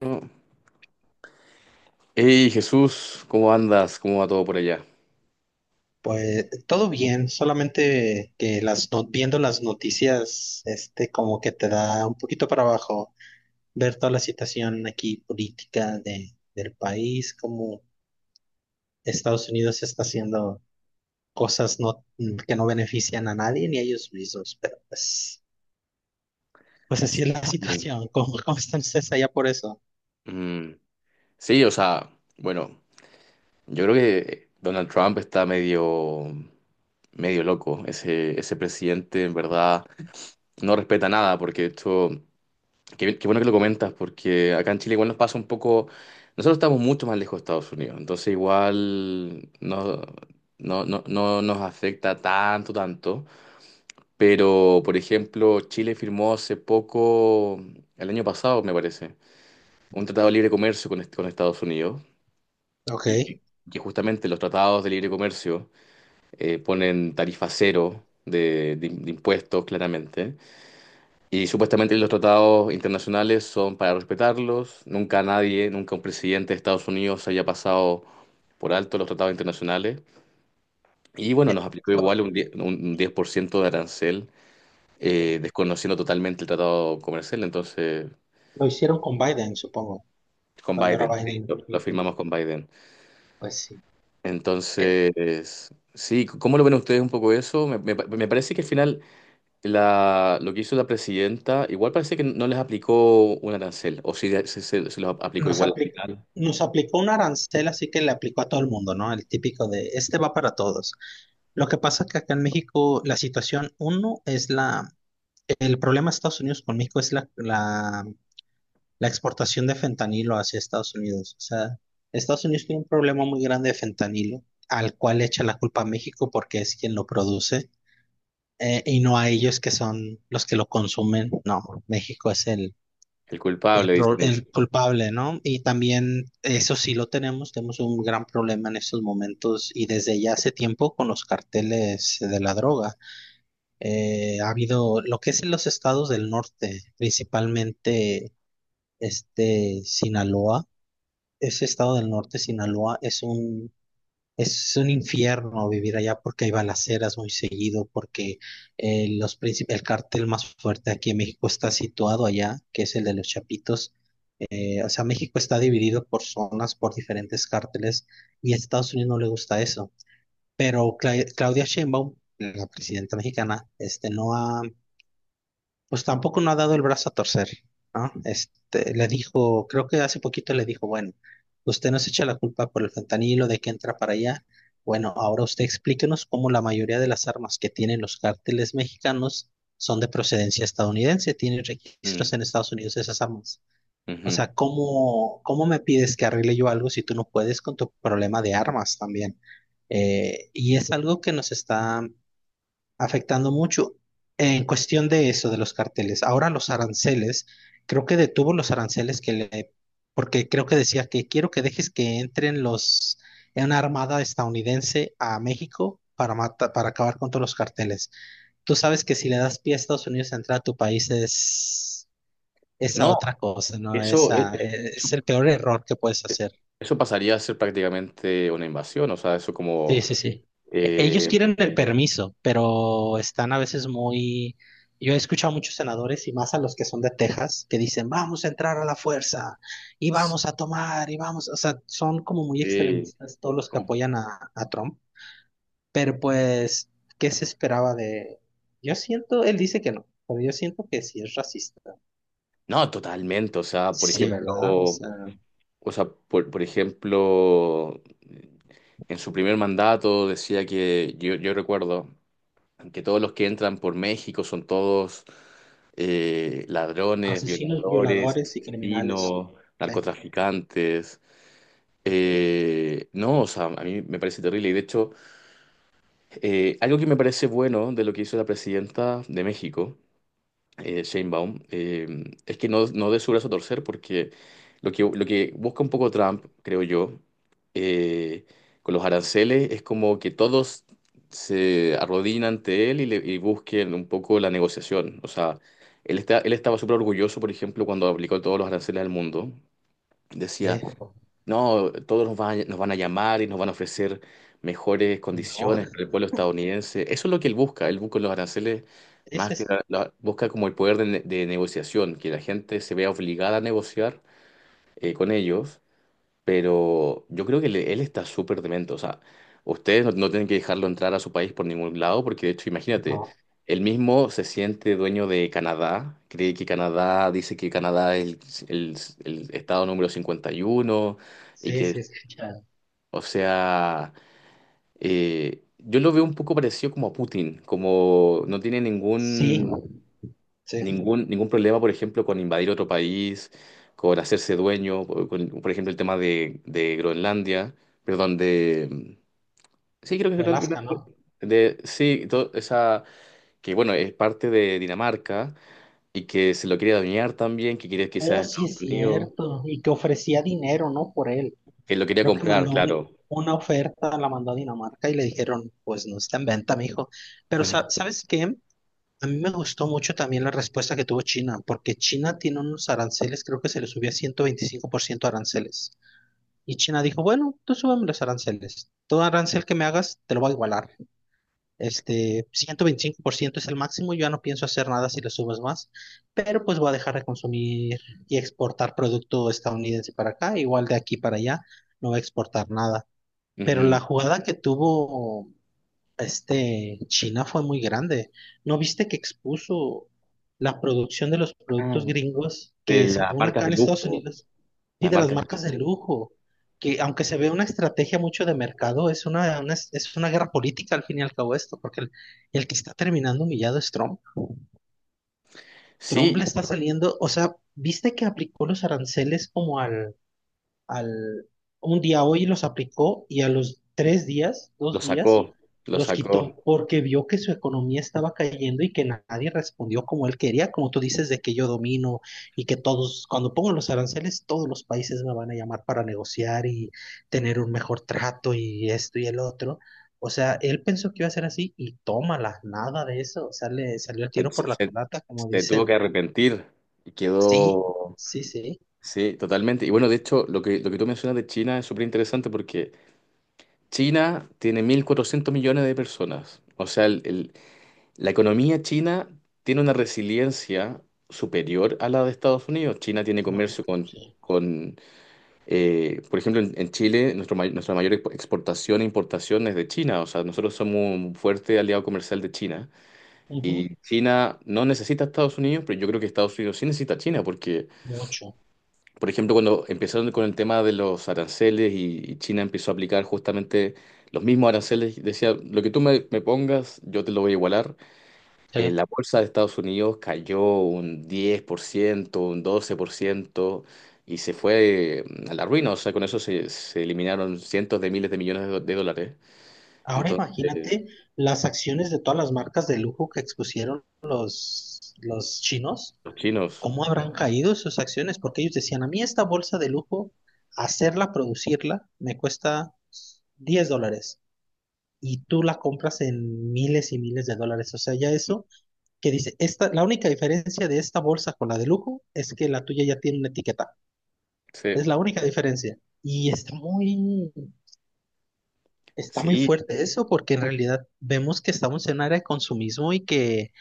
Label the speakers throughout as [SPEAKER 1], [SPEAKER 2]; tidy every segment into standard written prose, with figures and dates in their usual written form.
[SPEAKER 1] No. Hey Jesús, ¿cómo andas? ¿Cómo va todo por allá?
[SPEAKER 2] Pues todo bien, solamente que las viendo las noticias, este como que te da un poquito para abajo, ver toda la situación aquí política del país, como Estados Unidos está haciendo cosas no, que no benefician a nadie ni a ellos mismos, pero pues así es la
[SPEAKER 1] Sí.
[SPEAKER 2] situación. ¿Cómo están ustedes allá por eso?
[SPEAKER 1] Mm, sí, o sea, bueno. Yo creo que Donald Trump está medio loco. Ese presidente en verdad no respeta nada, porque qué bueno que lo comentas, porque acá en Chile igual nos pasa un poco. Nosotros estamos mucho más lejos de Estados Unidos, entonces igual no nos afecta tanto, tanto. Pero, por ejemplo, Chile firmó hace poco, el año pasado me parece, un tratado de libre comercio con Estados Unidos,
[SPEAKER 2] Ok.
[SPEAKER 1] y que que justamente los tratados de libre comercio ponen tarifa cero de impuestos, claramente. Y supuestamente los tratados internacionales son para respetarlos. Nunca nadie, nunca un presidente de Estados Unidos haya pasado por alto los tratados internacionales. Y bueno, nos aplicó igual un 10, un 10% de arancel,
[SPEAKER 2] Lo
[SPEAKER 1] desconociendo totalmente el tratado comercial. Entonces,
[SPEAKER 2] hicieron con Biden, supongo,
[SPEAKER 1] con
[SPEAKER 2] cuando era
[SPEAKER 1] Biden, sí,
[SPEAKER 2] Biden.
[SPEAKER 1] lo
[SPEAKER 2] Ujú.
[SPEAKER 1] firmamos con Biden.
[SPEAKER 2] Pues sí. Eh,
[SPEAKER 1] Entonces, sí, ¿cómo lo ven ustedes un poco eso? Me parece que al final lo que hizo la presidenta, igual parece que no les aplicó un arancel, o sí se los aplicó
[SPEAKER 2] nos
[SPEAKER 1] igual al
[SPEAKER 2] aplicó,
[SPEAKER 1] final.
[SPEAKER 2] nos aplicó un arancel, así que le aplicó a todo el mundo, ¿no? El típico de, este va para todos. Lo que pasa es que acá en México la situación, uno, el problema de Estados Unidos con México es la exportación de fentanilo hacia Estados Unidos. O sea, Estados Unidos tiene un problema muy grande de fentanilo, al cual echa la culpa a México porque es quien lo produce. Y no a ellos que son los que lo consumen. No, México es el,
[SPEAKER 1] El
[SPEAKER 2] el,
[SPEAKER 1] culpable,
[SPEAKER 2] pro-
[SPEAKER 1] dicen
[SPEAKER 2] el
[SPEAKER 1] ellos.
[SPEAKER 2] culpable, ¿no? Y también eso sí lo tenemos un gran problema en estos momentos y desde ya hace tiempo con los carteles de la droga. Ha habido lo que es en los estados del norte, principalmente este Sinaloa. Ese estado del norte, Sinaloa, es un infierno vivir allá porque hay balaceras muy seguido, porque el cartel más fuerte aquí en México está situado allá, que es el de los Chapitos. O sea, México está dividido por zonas, por diferentes cárteles, y a Estados Unidos no le gusta eso. Pero Claudia Sheinbaum, la presidenta mexicana, este, no ha pues tampoco no ha dado el brazo a torcer, ¿no? Este, le dijo, creo que hace poquito le dijo, bueno, usted nos echa la culpa por el fentanilo de que entra para allá. Bueno, ahora usted explíquenos cómo la mayoría de las armas que tienen los cárteles mexicanos son de procedencia estadounidense, tienen registros
[SPEAKER 1] Mm,
[SPEAKER 2] en Estados Unidos de esas armas. O
[SPEAKER 1] ujú.
[SPEAKER 2] sea, ¿cómo me pides que arregle yo algo si tú no puedes con tu problema de armas también? Y es algo que nos está afectando mucho en cuestión de eso, de los carteles. Ahora los aranceles, creo que detuvo los aranceles porque creo que decía que quiero que dejes que entren en una armada estadounidense a México para matar, para acabar con todos los carteles. Tú sabes que si le das pie a Estados Unidos a entrar a tu país es esa
[SPEAKER 1] No,
[SPEAKER 2] otra cosa, ¿no?
[SPEAKER 1] eso, eh,
[SPEAKER 2] Esa, es el peor error que puedes hacer.
[SPEAKER 1] eso pasaría a ser prácticamente una invasión, o sea, eso
[SPEAKER 2] Sí,
[SPEAKER 1] como.
[SPEAKER 2] sí, sí. Ellos
[SPEAKER 1] eh,
[SPEAKER 2] quieren el permiso, pero están a veces muy... Yo he escuchado a muchos senadores y más a los que son de Texas que dicen, vamos a entrar a la fuerza y vamos a tomar y vamos, o sea, son como muy
[SPEAKER 1] sí,
[SPEAKER 2] extremistas todos los que
[SPEAKER 1] como-
[SPEAKER 2] apoyan a Trump, pero pues, ¿qué se esperaba de... Yo siento, él dice que no, pero yo siento que sí es racista.
[SPEAKER 1] no, totalmente, o sea, por
[SPEAKER 2] Sí, ¿verdad? O
[SPEAKER 1] ejemplo.
[SPEAKER 2] sea,
[SPEAKER 1] O sea, por ejemplo, en su primer mandato decía que yo recuerdo que todos los que entran por México son todos ladrones,
[SPEAKER 2] asesinos,
[SPEAKER 1] violadores,
[SPEAKER 2] violadores y criminales.
[SPEAKER 1] asesinos,
[SPEAKER 2] Sí,
[SPEAKER 1] narcotraficantes.
[SPEAKER 2] sí.
[SPEAKER 1] No, o sea, a mí me parece terrible. Y de hecho, algo que me parece bueno de lo que hizo la presidenta de México Shane Baum, es que no dé su brazo a torcer porque lo que busca un poco Trump, creo yo, eh, con los aranceles es como que todos se arrodillen ante él y busquen un poco la negociación. O sea, él estaba súper orgulloso, por ejemplo, cuando aplicó todos los aranceles al mundo. Decía, no, todos nos van, nos van a llamar y nos van a ofrecer mejores
[SPEAKER 2] Y no,
[SPEAKER 1] condiciones para el pueblo estadounidense. Eso es lo que él busca. Él busca los aranceles más
[SPEAKER 2] ese
[SPEAKER 1] que
[SPEAKER 2] sí.
[SPEAKER 1] busca como el poder de negociación, que la gente se vea obligada a negociar con ellos. Pero yo creo que él está súper demente. O sea, ustedes no tienen que dejarlo entrar a su país por ningún lado, porque de hecho, imagínate,
[SPEAKER 2] No.
[SPEAKER 1] él mismo se siente dueño de Canadá, dice que Canadá es el estado número 51. Y
[SPEAKER 2] Sí,
[SPEAKER 1] que,
[SPEAKER 2] sí, escuchado.
[SPEAKER 1] o sea, yo lo veo un poco parecido como a Putin, como no tiene
[SPEAKER 2] Sí,
[SPEAKER 1] ningún,
[SPEAKER 2] sí,
[SPEAKER 1] ningún, ningún problema, por ejemplo, con invadir otro país, con hacerse dueño, con, por ejemplo, el tema de Groenlandia, perdón, de. Sí, creo que es
[SPEAKER 2] de
[SPEAKER 1] Groenlandia.
[SPEAKER 2] Alaska, ¿no?
[SPEAKER 1] Sí, esa, que bueno, es parte de Dinamarca y que se lo quiere dañar también, que quiere que sea
[SPEAKER 2] Oh,
[SPEAKER 1] de
[SPEAKER 2] sí,
[SPEAKER 1] Estados
[SPEAKER 2] es
[SPEAKER 1] Unidos,
[SPEAKER 2] cierto. Y que ofrecía dinero, ¿no? Por él.
[SPEAKER 1] que lo quería
[SPEAKER 2] Creo que
[SPEAKER 1] comprar,
[SPEAKER 2] mandó
[SPEAKER 1] claro.
[SPEAKER 2] una oferta, la mandó a Dinamarca y le dijeron, pues no está en venta, mijo. Pero, ¿sabes qué? A mí me gustó mucho también la respuesta que tuvo China, porque China tiene unos aranceles, creo que se le subía 125% aranceles. Y China dijo, bueno, tú súbeme los aranceles. Todo arancel que me hagas, te lo voy a igualar. Este, 125% es el máximo, yo ya no pienso hacer nada si le subes más, pero pues voy a dejar de consumir y exportar producto estadounidense para acá, igual de aquí para allá, no voy a exportar nada. Pero
[SPEAKER 1] Ujú.
[SPEAKER 2] la jugada que tuvo este China fue muy grande. ¿No viste que expuso la producción de los
[SPEAKER 1] Ah,
[SPEAKER 2] productos gringos
[SPEAKER 1] de
[SPEAKER 2] que
[SPEAKER 1] las
[SPEAKER 2] según
[SPEAKER 1] marcas
[SPEAKER 2] acá
[SPEAKER 1] de
[SPEAKER 2] en Estados
[SPEAKER 1] lujo,
[SPEAKER 2] Unidos y
[SPEAKER 1] las
[SPEAKER 2] de las
[SPEAKER 1] marcas de
[SPEAKER 2] marcas de
[SPEAKER 1] lujo.
[SPEAKER 2] lujo, que aunque se ve una estrategia mucho de mercado, es una guerra política al fin y al cabo esto, porque el que está terminando humillado es Trump. Trump
[SPEAKER 1] Sí,
[SPEAKER 2] le está saliendo, o sea, ¿viste que aplicó los aranceles como al un día hoy los aplicó y a los 3 días,
[SPEAKER 1] lo
[SPEAKER 2] 2 días,
[SPEAKER 1] sacó, lo
[SPEAKER 2] los
[SPEAKER 1] sacó.
[SPEAKER 2] quitó porque vio que su economía estaba cayendo y que nadie respondió como él quería, como tú dices, de que yo domino y que todos, cuando pongo los aranceles, todos los países me van a llamar para negociar y tener un mejor trato y esto y el otro. O sea, él pensó que iba a ser así y tómala, nada de eso. O sea, le salió el
[SPEAKER 1] Se,
[SPEAKER 2] tiro por
[SPEAKER 1] se-
[SPEAKER 2] la
[SPEAKER 1] se-
[SPEAKER 2] culata, como
[SPEAKER 1] se tuvo
[SPEAKER 2] dicen.
[SPEAKER 1] que arrepentir y
[SPEAKER 2] Sí,
[SPEAKER 1] quedó,
[SPEAKER 2] sí, sí.
[SPEAKER 1] sí, totalmente. Y bueno, de hecho, lo que tú mencionas de China es súper interesante porque China tiene 1.400 millones de personas. O sea, la economía china tiene una resiliencia superior a la de Estados Unidos. China tiene
[SPEAKER 2] No,
[SPEAKER 1] comercio con...
[SPEAKER 2] sí.
[SPEAKER 1] con por ejemplo, en Chile, nuestra mayor exportación e importación es de China. O sea, nosotros somos un fuerte aliado comercial de China.
[SPEAKER 2] Ujú.
[SPEAKER 1] Y China no necesita a Estados Unidos, pero yo creo que Estados Unidos sí necesita a China, porque,
[SPEAKER 2] Mucho.
[SPEAKER 1] por ejemplo, cuando empezaron con el tema de los aranceles y China empezó a aplicar justamente los mismos aranceles, decía, lo que tú me pongas, yo te lo voy a igualar.
[SPEAKER 2] Sí.
[SPEAKER 1] La bolsa de Estados Unidos cayó un 10%, un 12% y se fue a la ruina. O sea, con eso se eliminaron cientos de miles de millones de dólares.
[SPEAKER 2] Ahora
[SPEAKER 1] Entonces,
[SPEAKER 2] imagínate las acciones de todas las marcas de lujo que expusieron los chinos,
[SPEAKER 1] los chinos,
[SPEAKER 2] cómo habrán caído sus acciones, porque ellos decían, a mí esta bolsa de lujo, hacerla, producirla, me cuesta $10 y tú la compras en miles y miles de dólares. O sea, ya eso que dice, esta, la única diferencia de esta bolsa con la de lujo es que la tuya ya tiene una etiqueta.
[SPEAKER 1] sí,
[SPEAKER 2] Es la única diferencia. Y está muy, está muy
[SPEAKER 1] sí.
[SPEAKER 2] fuerte eso, porque en realidad vemos que estamos en un área de consumismo y que,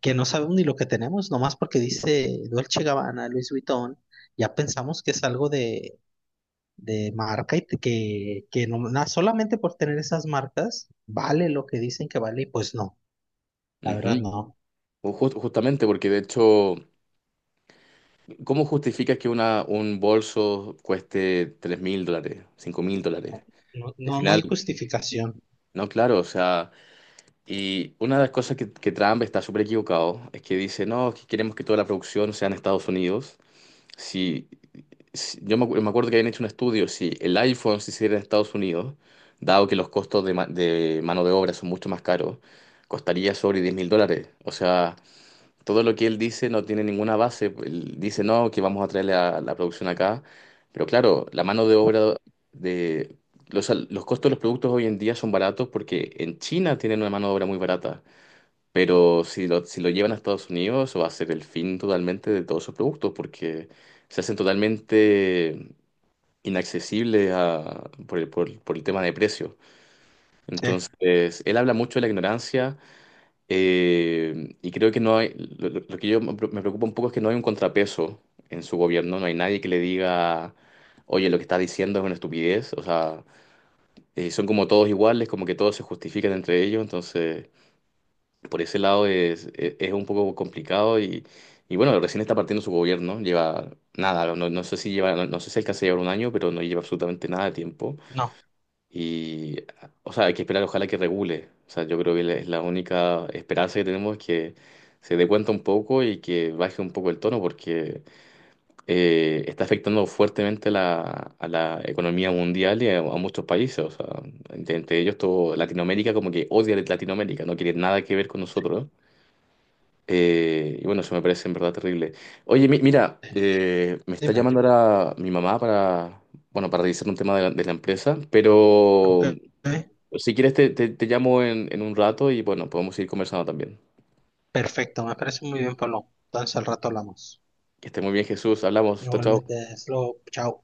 [SPEAKER 2] que no sabemos ni lo que tenemos, nomás porque dice Dolce Gabbana, Louis Vuitton, ya pensamos que es algo de marca y que no, solamente por tener esas marcas vale lo que dicen que vale, y pues no, la verdad
[SPEAKER 1] Ujú.
[SPEAKER 2] no,
[SPEAKER 1] Justamente. Porque de hecho, ¿cómo justificas que un bolso cueste 3.000 dólares, 5.000 dólares?
[SPEAKER 2] no,
[SPEAKER 1] Al
[SPEAKER 2] no, no hay
[SPEAKER 1] final,
[SPEAKER 2] justificación.
[SPEAKER 1] no, claro, o sea, y una de las cosas que Trump está súper equivocado es que dice, no, es que queremos que toda la producción sea en Estados Unidos. Si, yo me acuerdo que habían hecho un estudio, si el iPhone se hiciera en Estados Unidos, dado que los costos de mano de obra son mucho más caros, costaría sobre 10.000 dólares. O sea, todo lo que él dice no tiene ninguna base. Pues, él dice, no, que vamos a traer la producción acá. Pero claro, la mano de obra de. Los costos de los productos hoy en día son baratos porque en China tienen una mano de obra muy barata. Pero si lo llevan a Estados Unidos, eso va a ser el fin totalmente de todos sus productos porque se hacen totalmente inaccesibles por el tema de precio.
[SPEAKER 2] Sí,
[SPEAKER 1] Entonces, él habla mucho de la ignorancia y creo que no hay, lo que yo me preocupa un poco es que no hay un contrapeso en su gobierno, no hay nadie que le diga, oye, lo que está diciendo es una estupidez, o sea, son como todos iguales, como que todos se justifican entre ellos, entonces por ese lado es un poco complicado, y bueno, recién está partiendo su gobierno, lleva nada, no sé si lleva, no sé si alcanza a llevar un año, pero no lleva absolutamente nada de tiempo.
[SPEAKER 2] no,
[SPEAKER 1] Y, o sea, hay que esperar, ojalá que regule. O sea, yo creo que es la única esperanza que tenemos, que se dé cuenta un poco y que baje un poco el tono, porque está afectando fuertemente a la economía mundial y a muchos países. O sea, entre ellos, todo Latinoamérica, como que odia a Latinoamérica, no quiere nada que ver con nosotros. Y bueno, eso me parece en verdad terrible. Oye, mira,
[SPEAKER 2] sí.
[SPEAKER 1] me está
[SPEAKER 2] Dime.
[SPEAKER 1] llamando ahora mi mamá para, bueno, para revisar un tema de la empresa, pero.
[SPEAKER 2] Ok,
[SPEAKER 1] Si quieres, te llamo en un rato y bueno, podemos ir conversando también.
[SPEAKER 2] perfecto, me parece muy bien, Pablo. Entonces al rato hablamos.
[SPEAKER 1] Que esté muy bien, Jesús. Hablamos. Chao, chao.
[SPEAKER 2] Igualmente, Slow, chao.